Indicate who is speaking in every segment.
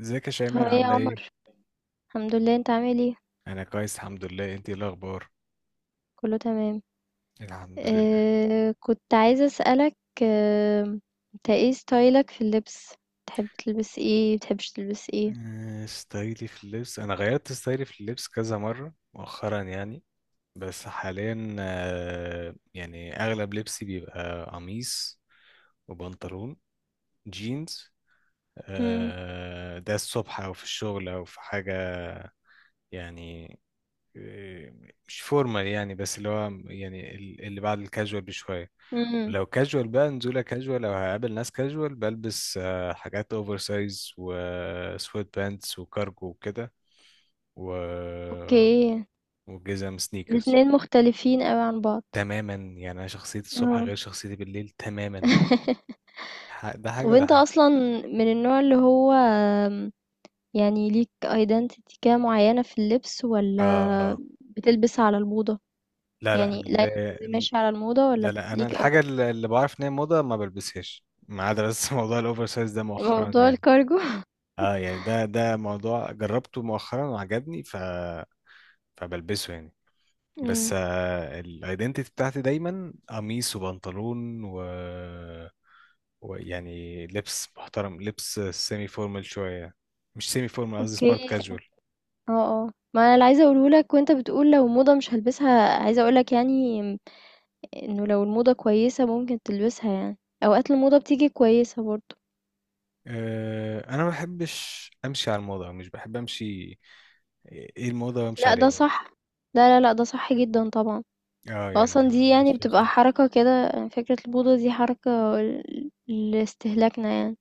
Speaker 1: ازيك يا شيماء
Speaker 2: هو ايه يا
Speaker 1: عاملة ايه؟
Speaker 2: عمر؟ الحمد لله، انت عامل ايه؟
Speaker 1: أنا كويس، الحمد لله. انتي ايه الأخبار؟
Speaker 2: كله تمام.
Speaker 1: الحمد لله.
Speaker 2: آه، كنت عايزة اسألك. آه، انت ايه ستايلك في اللبس؟ تحب تلبس ايه، بتحبش تلبس ايه؟
Speaker 1: ستايلي في اللبس، أنا غيرت ستايلي في اللبس كذا مرة مؤخرا يعني. بس حاليا يعني أغلب لبسي بيبقى قميص وبنطلون جينز.
Speaker 2: مم.
Speaker 1: ده الصبح أو في الشغل أو في حاجة يعني. آه، مش فورمال يعني، بس اللي هو يعني اللي بعد الكاجوال بشوية.
Speaker 2: مم.
Speaker 1: لو كاجوال بقى، نزولة كاجوال، لو هقابل ناس كاجوال بلبس حاجات اوفر سايز وسويت بانتس وكارجو وكده و...
Speaker 2: اوكي،
Speaker 1: وجزم سنيكرز.
Speaker 2: الاتنين مختلفين قوي عن بعض.
Speaker 1: تماما، يعني انا شخصيتي الصبح
Speaker 2: اه.
Speaker 1: غير شخصيتي بالليل تماما. ده حاجة
Speaker 2: طب
Speaker 1: وده
Speaker 2: انت
Speaker 1: حاجة.
Speaker 2: اصلا من النوع اللي هو يعني ليك ايدنتيتي كده معينة في اللبس، ولا
Speaker 1: اه اه.
Speaker 2: بتلبس على الموضة؟
Speaker 1: لا لا
Speaker 2: يعني لا، قصدي
Speaker 1: لا.
Speaker 2: ماشي على الموضة
Speaker 1: لا,
Speaker 2: ولا
Speaker 1: لا. انا
Speaker 2: ليك
Speaker 1: الحاجة
Speaker 2: ايدنتيتي؟
Speaker 1: اللي بعرف ان هي موضة ما بلبسهاش، ما عدا بس موضوع الاوفر سايز ده مؤخرا
Speaker 2: موضوع
Speaker 1: يعني.
Speaker 2: الكارجو.
Speaker 1: اه يعني ده موضوع جربته مؤخرا وعجبني، فبلبسه يعني. بس الايدنتيتي بتاعتي دايما قميص وبنطلون ويعني لبس محترم، لبس سيمي فورمال شوية. مش سيمي فورمال، قصدي سمارت
Speaker 2: اوكي.
Speaker 1: كاجوال.
Speaker 2: اه اه، ما انا اللي عايزه اقوله لك وانت بتقول لو موضه مش هلبسها، عايزه اقول لك يعني انه لو الموضه كويسه ممكن تلبسها يعني. اوقات الموضه بتيجي كويسه برضو.
Speaker 1: أه انا ما بحبش امشي على الموضه، مش بحب امشي. ايه الموضه وامشي
Speaker 2: لا،
Speaker 1: على
Speaker 2: ده
Speaker 1: ايه.
Speaker 2: صح. لا لا لا، ده صح جدا طبعا.
Speaker 1: اه
Speaker 2: اصلا
Speaker 1: يعني
Speaker 2: دي يعني
Speaker 1: ماليش فيها
Speaker 2: بتبقى
Speaker 1: خالص.
Speaker 2: حركه كده، يعني فكره الموضه دي حركه لاستهلاكنا يعني،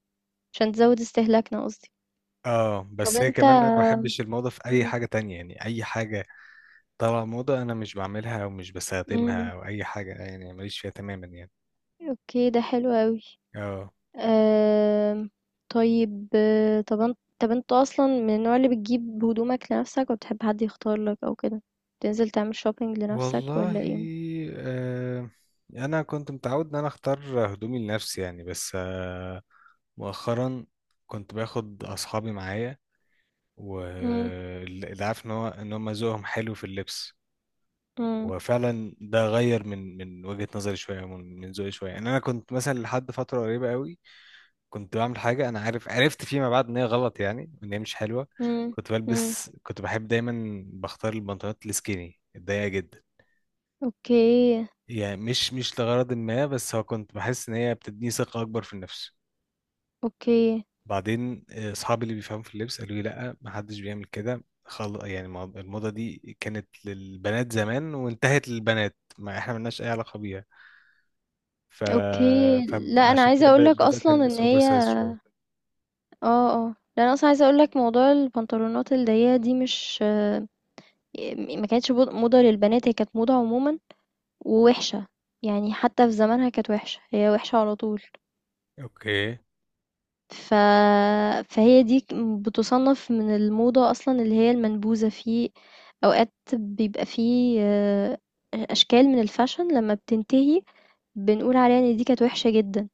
Speaker 2: عشان تزود استهلاكنا قصدي.
Speaker 1: اه
Speaker 2: طب
Speaker 1: بس هي
Speaker 2: انت.
Speaker 1: كمان انا ما بحبش الموضه في اي
Speaker 2: مم.
Speaker 1: حاجه تانية، يعني اي حاجه طالعه موضه انا مش بعملها ومش
Speaker 2: مم.
Speaker 1: بستخدمها او اي حاجه، يعني ماليش فيها تماما يعني.
Speaker 2: اوكي، ده حلو قوي.
Speaker 1: اه،
Speaker 2: آمم، طيب طَب أنت أصلًا من النوع اللي بتجيب هدومك لنفسك والّا بتحب حد يختار لك أو كده؟ بتنزل تعمل shopping لنفسك والّا
Speaker 1: والله.
Speaker 2: إيه؟
Speaker 1: آه انا كنت متعود ان انا اختار هدومي لنفسي يعني. بس مؤخرا كنت باخد اصحابي معايا
Speaker 2: إمم.
Speaker 1: واللي عارف ان هو ان هم ذوقهم حلو في اللبس.
Speaker 2: إمم.
Speaker 1: وفعلا ده غير من وجهة نظري شويه، من ذوقي شويه يعني. انا كنت مثلا لحد فتره قريبه قوي كنت بعمل حاجه انا عارف، عرفت فيما بعد ان هي غلط يعني، ان هي مش حلوه.
Speaker 2: إمم.
Speaker 1: كنت
Speaker 2: إمم.
Speaker 1: بلبس، كنت بحب دايما بختار البنطلونات السكيني الضيقه جدا.
Speaker 2: أوكي.
Speaker 1: يعني مش لغرض ما، بس هو كنت بحس ان هي بتديني ثقة اكبر في النفس.
Speaker 2: أوكي.
Speaker 1: بعدين اصحابي اللي بيفهموا في اللبس قالوا لي لا، ما حدش بيعمل كده. يعني الموضة دي كانت للبنات زمان وانتهت للبنات، ما احنا ملناش اي علاقة بيها. ف...
Speaker 2: أوكي. لأ، أنا
Speaker 1: فعشان
Speaker 2: عايزة
Speaker 1: كده
Speaker 2: أقول لك
Speaker 1: بدأت
Speaker 2: أصلًا إن
Speaker 1: البس اوفر
Speaker 2: هي
Speaker 1: سايز شوية.
Speaker 2: آه، آه. لأ، أنا أصلًا عايزة أقول لك موضوع البنطلونات الضيّقة دي مش ما كانتش بود موضة للبنات، هي كانت موضة عمومًا ووِحشة، يعني حتى في زمانها كانت وِحشة، هي وِحشة على طول.
Speaker 1: اوكي.
Speaker 2: ف فهي دي ك بتُصنّف من الموضة أصلًا اللي هي المنبوذة، في أوقات بيبقى في آآ أشكال من الfashion لمّا بتنتهي بنقول عليها إن دي كانت وِحشة جدًا،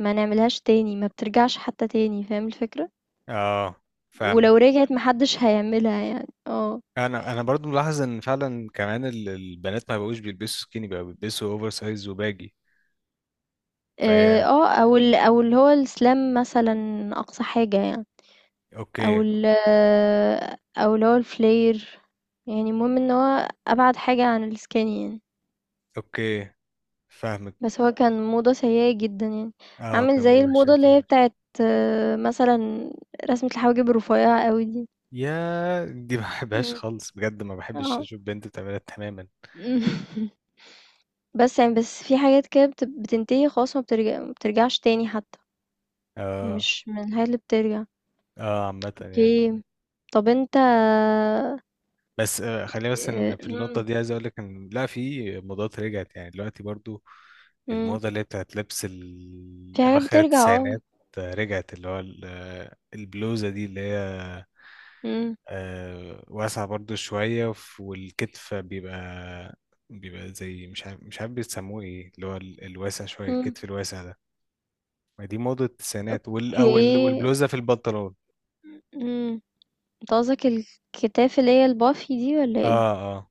Speaker 2: ما نعملهاش تاني، ما بترجعش حتى تاني، فاهم الفكرة؟
Speaker 1: اه، فاهمك.
Speaker 2: ولو رجعت ما حدش هيعملها يعني، آه.
Speaker 1: انا برضو ملاحظ ان فعلا كمان البنات ما بقوش بيلبسوا سكيني، بقى بيلبسوا اوفر سايز وباجي. فهي.
Speaker 2: أو اللي هو الslam مثلًا أقصى حاجة يعني، أو
Speaker 1: اوكي.
Speaker 2: ال أو اللي هو الflare، يعني المهم إن هو أبعد حاجة عن الskinny يعني.
Speaker 1: اوكي، فاهمك.
Speaker 2: بس هو كان موضة سيئة جدًا يعني،
Speaker 1: اه
Speaker 2: عامل
Speaker 1: كان
Speaker 2: زي
Speaker 1: موضوع وحش
Speaker 2: الموضة
Speaker 1: أوي
Speaker 2: اللي
Speaker 1: فعلا.
Speaker 2: هي بتاعة مثلًا رسمة الحواجب الرفيّعة أوي دي.
Speaker 1: يا دي ما بحبهاش
Speaker 2: إمم،
Speaker 1: خالص بجد، ما بحبش
Speaker 2: آه.
Speaker 1: اشوف بنت بتعملها تماما.
Speaker 2: إمم. بس يعني بس في حاجات كده بتنتهي خلاص ما بترجعش تاني حتى،
Speaker 1: اه
Speaker 2: مش من الحاجات اللي بترجع.
Speaker 1: اه عامة يعني.
Speaker 2: أوكي، طب أنت
Speaker 1: بس خلينا بس إن في النقطة
Speaker 2: إمم،
Speaker 1: دي عايز اقول لك ان لا، في موضات رجعت يعني دلوقتي برضو.
Speaker 2: إمم،
Speaker 1: الموضة اللي هي بتاعت لبس
Speaker 2: في حاجات
Speaker 1: اواخر
Speaker 2: بترجع آه،
Speaker 1: التسعينات رجعت، اللي هو البلوزة دي اللي هي
Speaker 2: إمم،
Speaker 1: واسعة برضو شوية، والكتف بيبقى زي مش عارف بيسموه ايه اللي هو الواسع شوية،
Speaker 2: إمم،
Speaker 1: الكتف الواسع ده. ما دي موضة التسعينات
Speaker 2: أوكي،
Speaker 1: والبلوزة في البنطلون.
Speaker 2: إمم، أنت قصدك الكتاف اللي هي الbuffy دي والّا
Speaker 1: اه
Speaker 2: إيه؟
Speaker 1: اه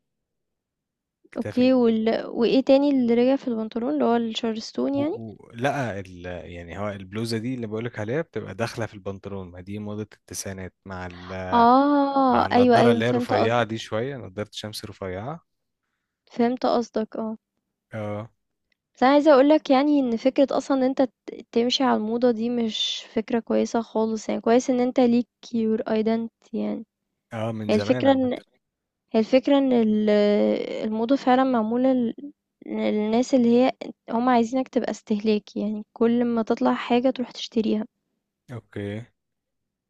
Speaker 1: كتاف
Speaker 2: أوكي، وال وإيه تاني اللي رجع في البنطلون اللي هو الشارستون
Speaker 1: و...
Speaker 2: يعني؟
Speaker 1: و... لا ال... يعني هو البلوزة دي اللي بقولك عليها بتبقى داخلة في البنطلون، ما دي موضة التسعينات مع مع
Speaker 2: آه أيوه
Speaker 1: النضارة
Speaker 2: أيوه
Speaker 1: اللي هي
Speaker 2: فهمت
Speaker 1: رفيعة
Speaker 2: قصدك.
Speaker 1: دي شوية، نضارة شمس رفيعة.
Speaker 2: فهمت قصدك، اه.
Speaker 1: اه
Speaker 2: بس أنا عايزة أقولك يعني إن فكرة أصلا إن أنت تمشي على الموضة دي مش فكرة كويسة خالص، يعني كويس إن أنت ليك your identity يعني.
Speaker 1: اه من
Speaker 2: هي
Speaker 1: زمان
Speaker 2: الفكرة
Speaker 1: عامة.
Speaker 2: إن هي الفكرة إن الموضة فعلا معمولة للناس اللي هي هم عايزينك تبقى استهلاكي، يعني كل ما تطلع حاجة تروح تشتريها.
Speaker 1: اوكي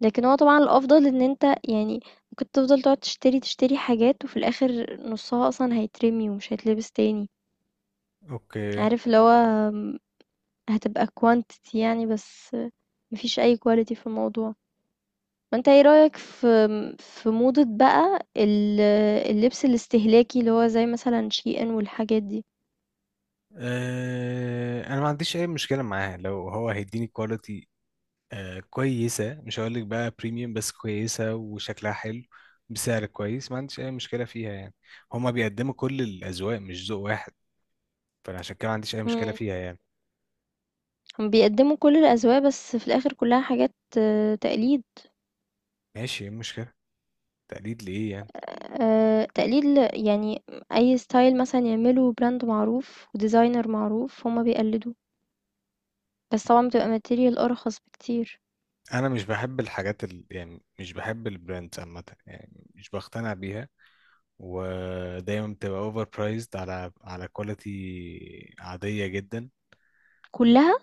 Speaker 2: لكن هو طبعًا الأفضل إن أنت يعني ممكن تفضل تقعد تشتري، تشتري حاجات وفي الآخر نُصّها أصلًا هيترمي ومش هيتلبس تاني،
Speaker 1: اوكي.
Speaker 2: عارف اللي هو هتبقى quantity يعني بس، ما فيش أي quality في الموضوع. فأنت إيه رأيك في في موضة بقى اللبس الاستهلاكي اللي هو زي مثلًا SHEIN والحاجات دي؟
Speaker 1: انا ما عنديش اي مشكلة معاه لو هو هيديني كواليتي كويسة، مش هقول لك بقى بريميوم، بس كويسة وشكلها حلو بسعر كويس. ما عنديش أي مشكلة فيها يعني. هما بيقدموا كل الأذواق مش ذوق واحد، فأنا عشان كده ما عنديش أي مشكلة
Speaker 2: إمم.
Speaker 1: فيها يعني.
Speaker 2: هم بيقدّموا كل الأذواق بس في الآخر كلها حاجات تقليد.
Speaker 1: ماشي، إيه المشكلة؟ تقليد لإيه يعني.
Speaker 2: تقليد يعني أي style مثلًا يعمله brand معروف وdesigner معروف هُم بيقلّدوه، بس طبعًا بتبقى material أرخص بكتير.
Speaker 1: أنا مش بحب الحاجات يعني مش بحب البراندز عامة يعني، مش بقتنع بيها. ودايما بتبقى اوفر برايزد على كواليتي عادية جدا.
Speaker 2: كُلّها؟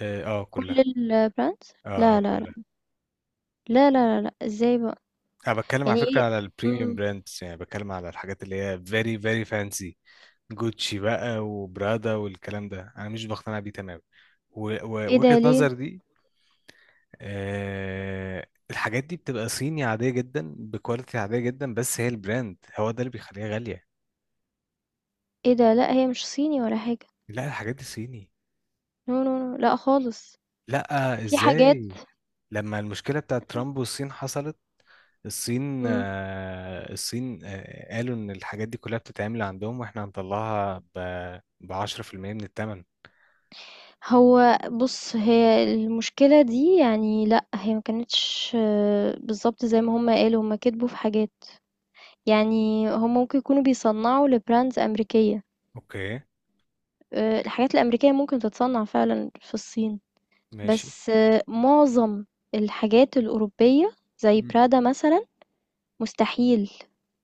Speaker 1: اه
Speaker 2: كل
Speaker 1: كلها.
Speaker 2: الbrands؟
Speaker 1: اه
Speaker 2: لا، لا، لأ.
Speaker 1: كلها.
Speaker 2: لا، لا، لا، لأ، إزاي بقى؟
Speaker 1: انا بتكلم على
Speaker 2: يعني
Speaker 1: فكره
Speaker 2: إيه.
Speaker 1: على البريميوم
Speaker 2: إمم.
Speaker 1: براندز، يعني بتكلم على الحاجات اللي هي فيري فيري فانسي. جوتشي بقى وبرادا والكلام ده انا مش بقتنع بيه تماما.
Speaker 2: إيه ده
Speaker 1: ووجهه
Speaker 2: ليه؟
Speaker 1: نظر دي. الحاجات دي بتبقى صيني عاديه جدا بكواليتي عاديه جدا، بس هي البراند هو ده اللي بيخليها غاليه.
Speaker 2: إيه ده؟ لأ، هي مش صيني ولا حاجة.
Speaker 1: لا الحاجات دي صيني.
Speaker 2: No no no، لأ خالص.
Speaker 1: لا
Speaker 2: في حاجات.
Speaker 1: ازاي. لما المشكله بتاعت ترامب والصين حصلت، الصين
Speaker 2: إمم.
Speaker 1: الصين قالوا إن الحاجات دي كلها بتتعمل عندهم وإحنا هنطلعها ب10% من التمن.
Speaker 2: هو بُص، هي المشكلة دي يعني لأ، هي ما كانتش بالضبط زي ما هُم قالوا، هُم كدبوا في حاجات. يعني هم ممكن يكونوا بيصنّعوا لbrands أمريكية،
Speaker 1: أوكي.
Speaker 2: الحاجات الأمريكية ممكن تتصنّع فعلًا في الصين،
Speaker 1: ماشي.
Speaker 2: بس معظم الحاجات الأوروبية زي
Speaker 1: مم.
Speaker 2: prada مثلًا مستحيل،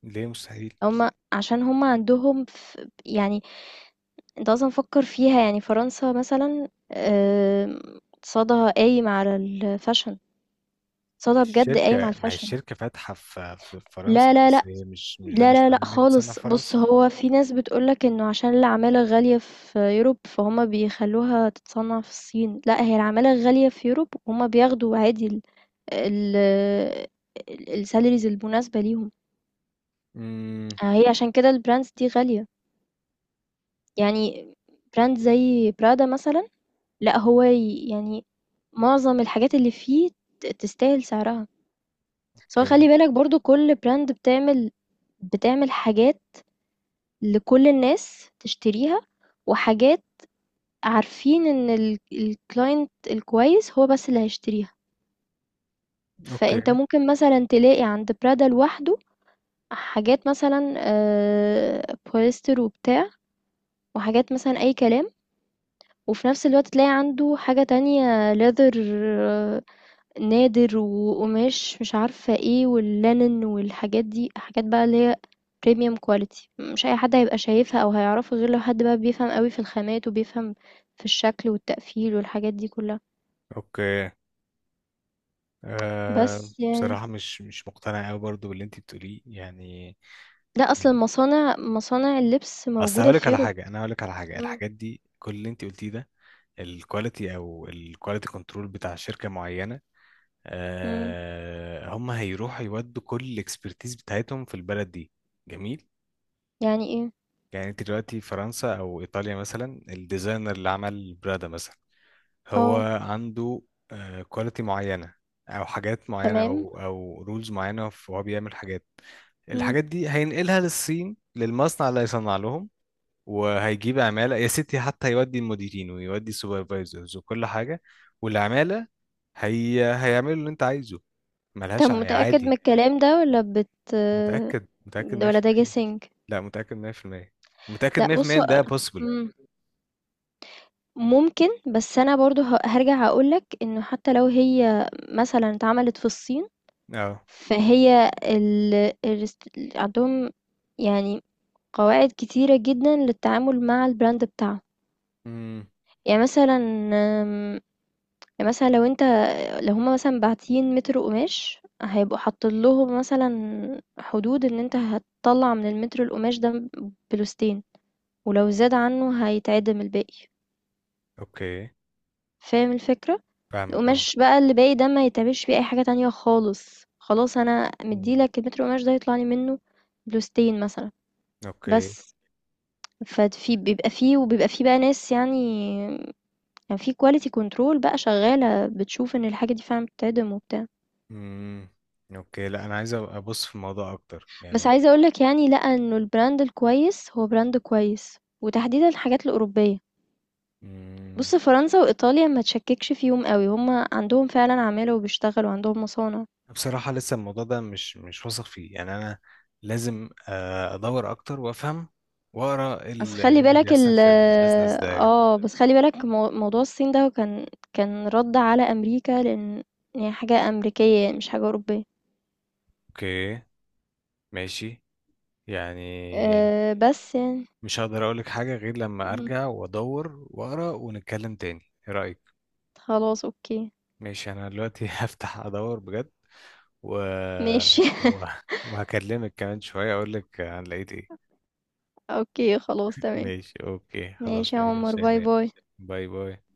Speaker 1: ليه مستحيل؟
Speaker 2: هم عشان هم عندهم يعني أنت أصلًا فكّر فيها، يعني فرنسا مثلًا آمم اقتصادها قايم على الfashion، اقتصادها بجد
Speaker 1: الشركة،
Speaker 2: قايم على
Speaker 1: ما هي
Speaker 2: الfashion.
Speaker 1: الشركة فاتحة في فرنسا،
Speaker 2: لا، لا، لا
Speaker 1: بس هي مش ده مش
Speaker 2: لا لا
Speaker 1: معناه إن هي بتصنع
Speaker 2: خالص،
Speaker 1: في فرنسا.
Speaker 2: بص هو في ناس بتقولك انه عشان العمالة غالية في يوروب فهما بيخلوها تتصنع في الصين، لا هي العمالة غالية في يوروب وهما بياخدوا عادي ال السالاريز المناسبة ليهم.
Speaker 1: امم.
Speaker 2: هي عشان كده البراندز دي غالية يعني، براند زي برادا مثلا لا هو يعني معظم الحاجات اللي فيه تستاهل سعرها، سواء
Speaker 1: اوكي
Speaker 2: خلي بالك برضو كل براند بتعمل حاجات لكل الناس تشتريها، وحاجات عارفين إن الclient الكويس هو بس اللي هيشتريها،
Speaker 1: اوكي
Speaker 2: فأنت ممكن مثلًا تلاقي عند prada لوحده حاجات مثلًا بوليستر وبتاع، وحاجات مثلًا أي كلام، وفي نفس الوقت تلاقي عنده حاجة تانية leather آه، نادر وقماش مش عارفة إيه والlinen والحاجات دي، حاجات بقى اللي هي premium quality، مش أي حد هيبقى شايفها أو هيعرفها غير لو حد بقى بيفهم أوي في الخامات وبيفهم في الشكل والتقفيل والحاجات دي كلها،
Speaker 1: اوكي. أه
Speaker 2: بس يعني
Speaker 1: بصراحة مش مقتنع قوي برضو باللي انت بتقوليه يعني.
Speaker 2: لأ، أصل
Speaker 1: يعني
Speaker 2: المصانع اللبس
Speaker 1: اصل
Speaker 2: موجودة
Speaker 1: هقول لك
Speaker 2: في
Speaker 1: على
Speaker 2: Europe.
Speaker 1: حاجة، انا هقول لك على حاجة.
Speaker 2: إمم،
Speaker 1: الحاجات دي كل اللي انت قلتيه ده الكواليتي او الكواليتي كنترول بتاع شركه معينه،
Speaker 2: إمم.
Speaker 1: هم هيروحوا يودوا كل الاكسبرتيز بتاعتهم في البلد دي. جميل.
Speaker 2: يعني إيه؟
Speaker 1: يعني انت دلوقتي فرنسا او ايطاليا مثلا، الديزاينر اللي عمل برادا مثلا هو
Speaker 2: آه،
Speaker 1: عنده كواليتي معينه او حاجات معينه
Speaker 2: تمام،
Speaker 1: او رولز معينه، وهو بيعمل حاجات.
Speaker 2: إمم.
Speaker 1: الحاجات دي هينقلها للصين للمصنع اللي هيصنع لهم. وهيجيب عمالة يا ستي، حتى يودي المديرين ويودي السوبرفايزرز وكل حاجة. والعمالة هي هيعملوا اللي انت عايزه.
Speaker 2: طب
Speaker 1: ملهاش
Speaker 2: متأكد من
Speaker 1: عادي.
Speaker 2: الكلام ده والّا
Speaker 1: متأكد متأكد
Speaker 2: والّا ده
Speaker 1: 100%.
Speaker 2: guessing؟
Speaker 1: لا متأكد 100% متأكد
Speaker 2: لأ
Speaker 1: 100%
Speaker 2: بُص
Speaker 1: إن
Speaker 2: هو
Speaker 1: ده possible.
Speaker 2: إمم، ممكن، بس أنا برضه هارجع أقول لك إنه حتى لو هي مثلًا اتعملت في الصين،
Speaker 1: اه.
Speaker 2: فهي الست عندهم يعني قواعد كتيرة جدًا للتعامل مع الbrand بتاعهم.
Speaker 1: امم.
Speaker 2: يعني مثلًا يعني مثلا لو انت لو هما مثلا باعتين متر قماش هيبقوا حاطين لهم مثلا حدود ان انت هتطلع من المتر القماش ده بلوستين، ولو زاد عنه هيتعدم الباقي.
Speaker 1: اوكي
Speaker 2: فاهم الفكرة؟
Speaker 1: فاهمك. اه.
Speaker 2: القماش بقى اللي باقي ده ما يتعملش بيه اي حاجة تانية خالص، خلاص انا
Speaker 1: مم.
Speaker 2: مديلك المتر القماش ده يطلع لي منه بلوستين مثلا
Speaker 1: اوكي.
Speaker 2: بس. بيبقى فيه وبيبقى فيه بقى ناس يعني، يعني في كواليتي كنترول بقى شغالة بتشوف ان الحاجة دي فعلا بتتعدم وبتاع.
Speaker 1: امم. اوكي لا، انا عايز أبقى ابص في الموضوع اكتر
Speaker 2: بس
Speaker 1: يعني.
Speaker 2: عايزة اقولك يعني لأ انه البراند الكويس هو براند كويس وتحديدا الحاجات الأوروبية.
Speaker 1: مم.
Speaker 2: بص فرنسا وإيطاليا ما تشككش فيهم قوي، هما عندهم فعلا عمالة وبيشتغلوا عندهم مصانع.
Speaker 1: بصراحة لسه الموضوع ده مش واثق فيه يعني أنا. لازم أدور أكتر وأفهم وأقرأ
Speaker 2: بس
Speaker 1: إيه
Speaker 2: خلي
Speaker 1: اللي
Speaker 2: بالك
Speaker 1: بيحصل
Speaker 2: ال
Speaker 1: في البيزنس ده يعني.
Speaker 2: اه بس خلي بالك موضوع الصين ده كان رد على أمريكا لأن هي حاجة أمريكية يعني مش حاجة أوروبية.
Speaker 1: أوكي ماشي يعني.
Speaker 2: أه بس يعني
Speaker 1: مش هقدر أقولك حاجة غير لما
Speaker 2: مهم.
Speaker 1: أرجع وأدور وأقرأ ونتكلم تاني. إيه رأيك؟
Speaker 2: خلاص اوكي،
Speaker 1: ماشي أنا دلوقتي هفتح أدور بجد و...
Speaker 2: ماشي.
Speaker 1: و... وهكلمك كمان شوية أقولك أنا لقيت إيه.
Speaker 2: اوكي خلاص تمام.
Speaker 1: ماشي أوكي
Speaker 2: ماشي
Speaker 1: خلاص،
Speaker 2: يا
Speaker 1: ماشي يا
Speaker 2: عمر، باي
Speaker 1: شيماء.
Speaker 2: باي.
Speaker 1: باي باي.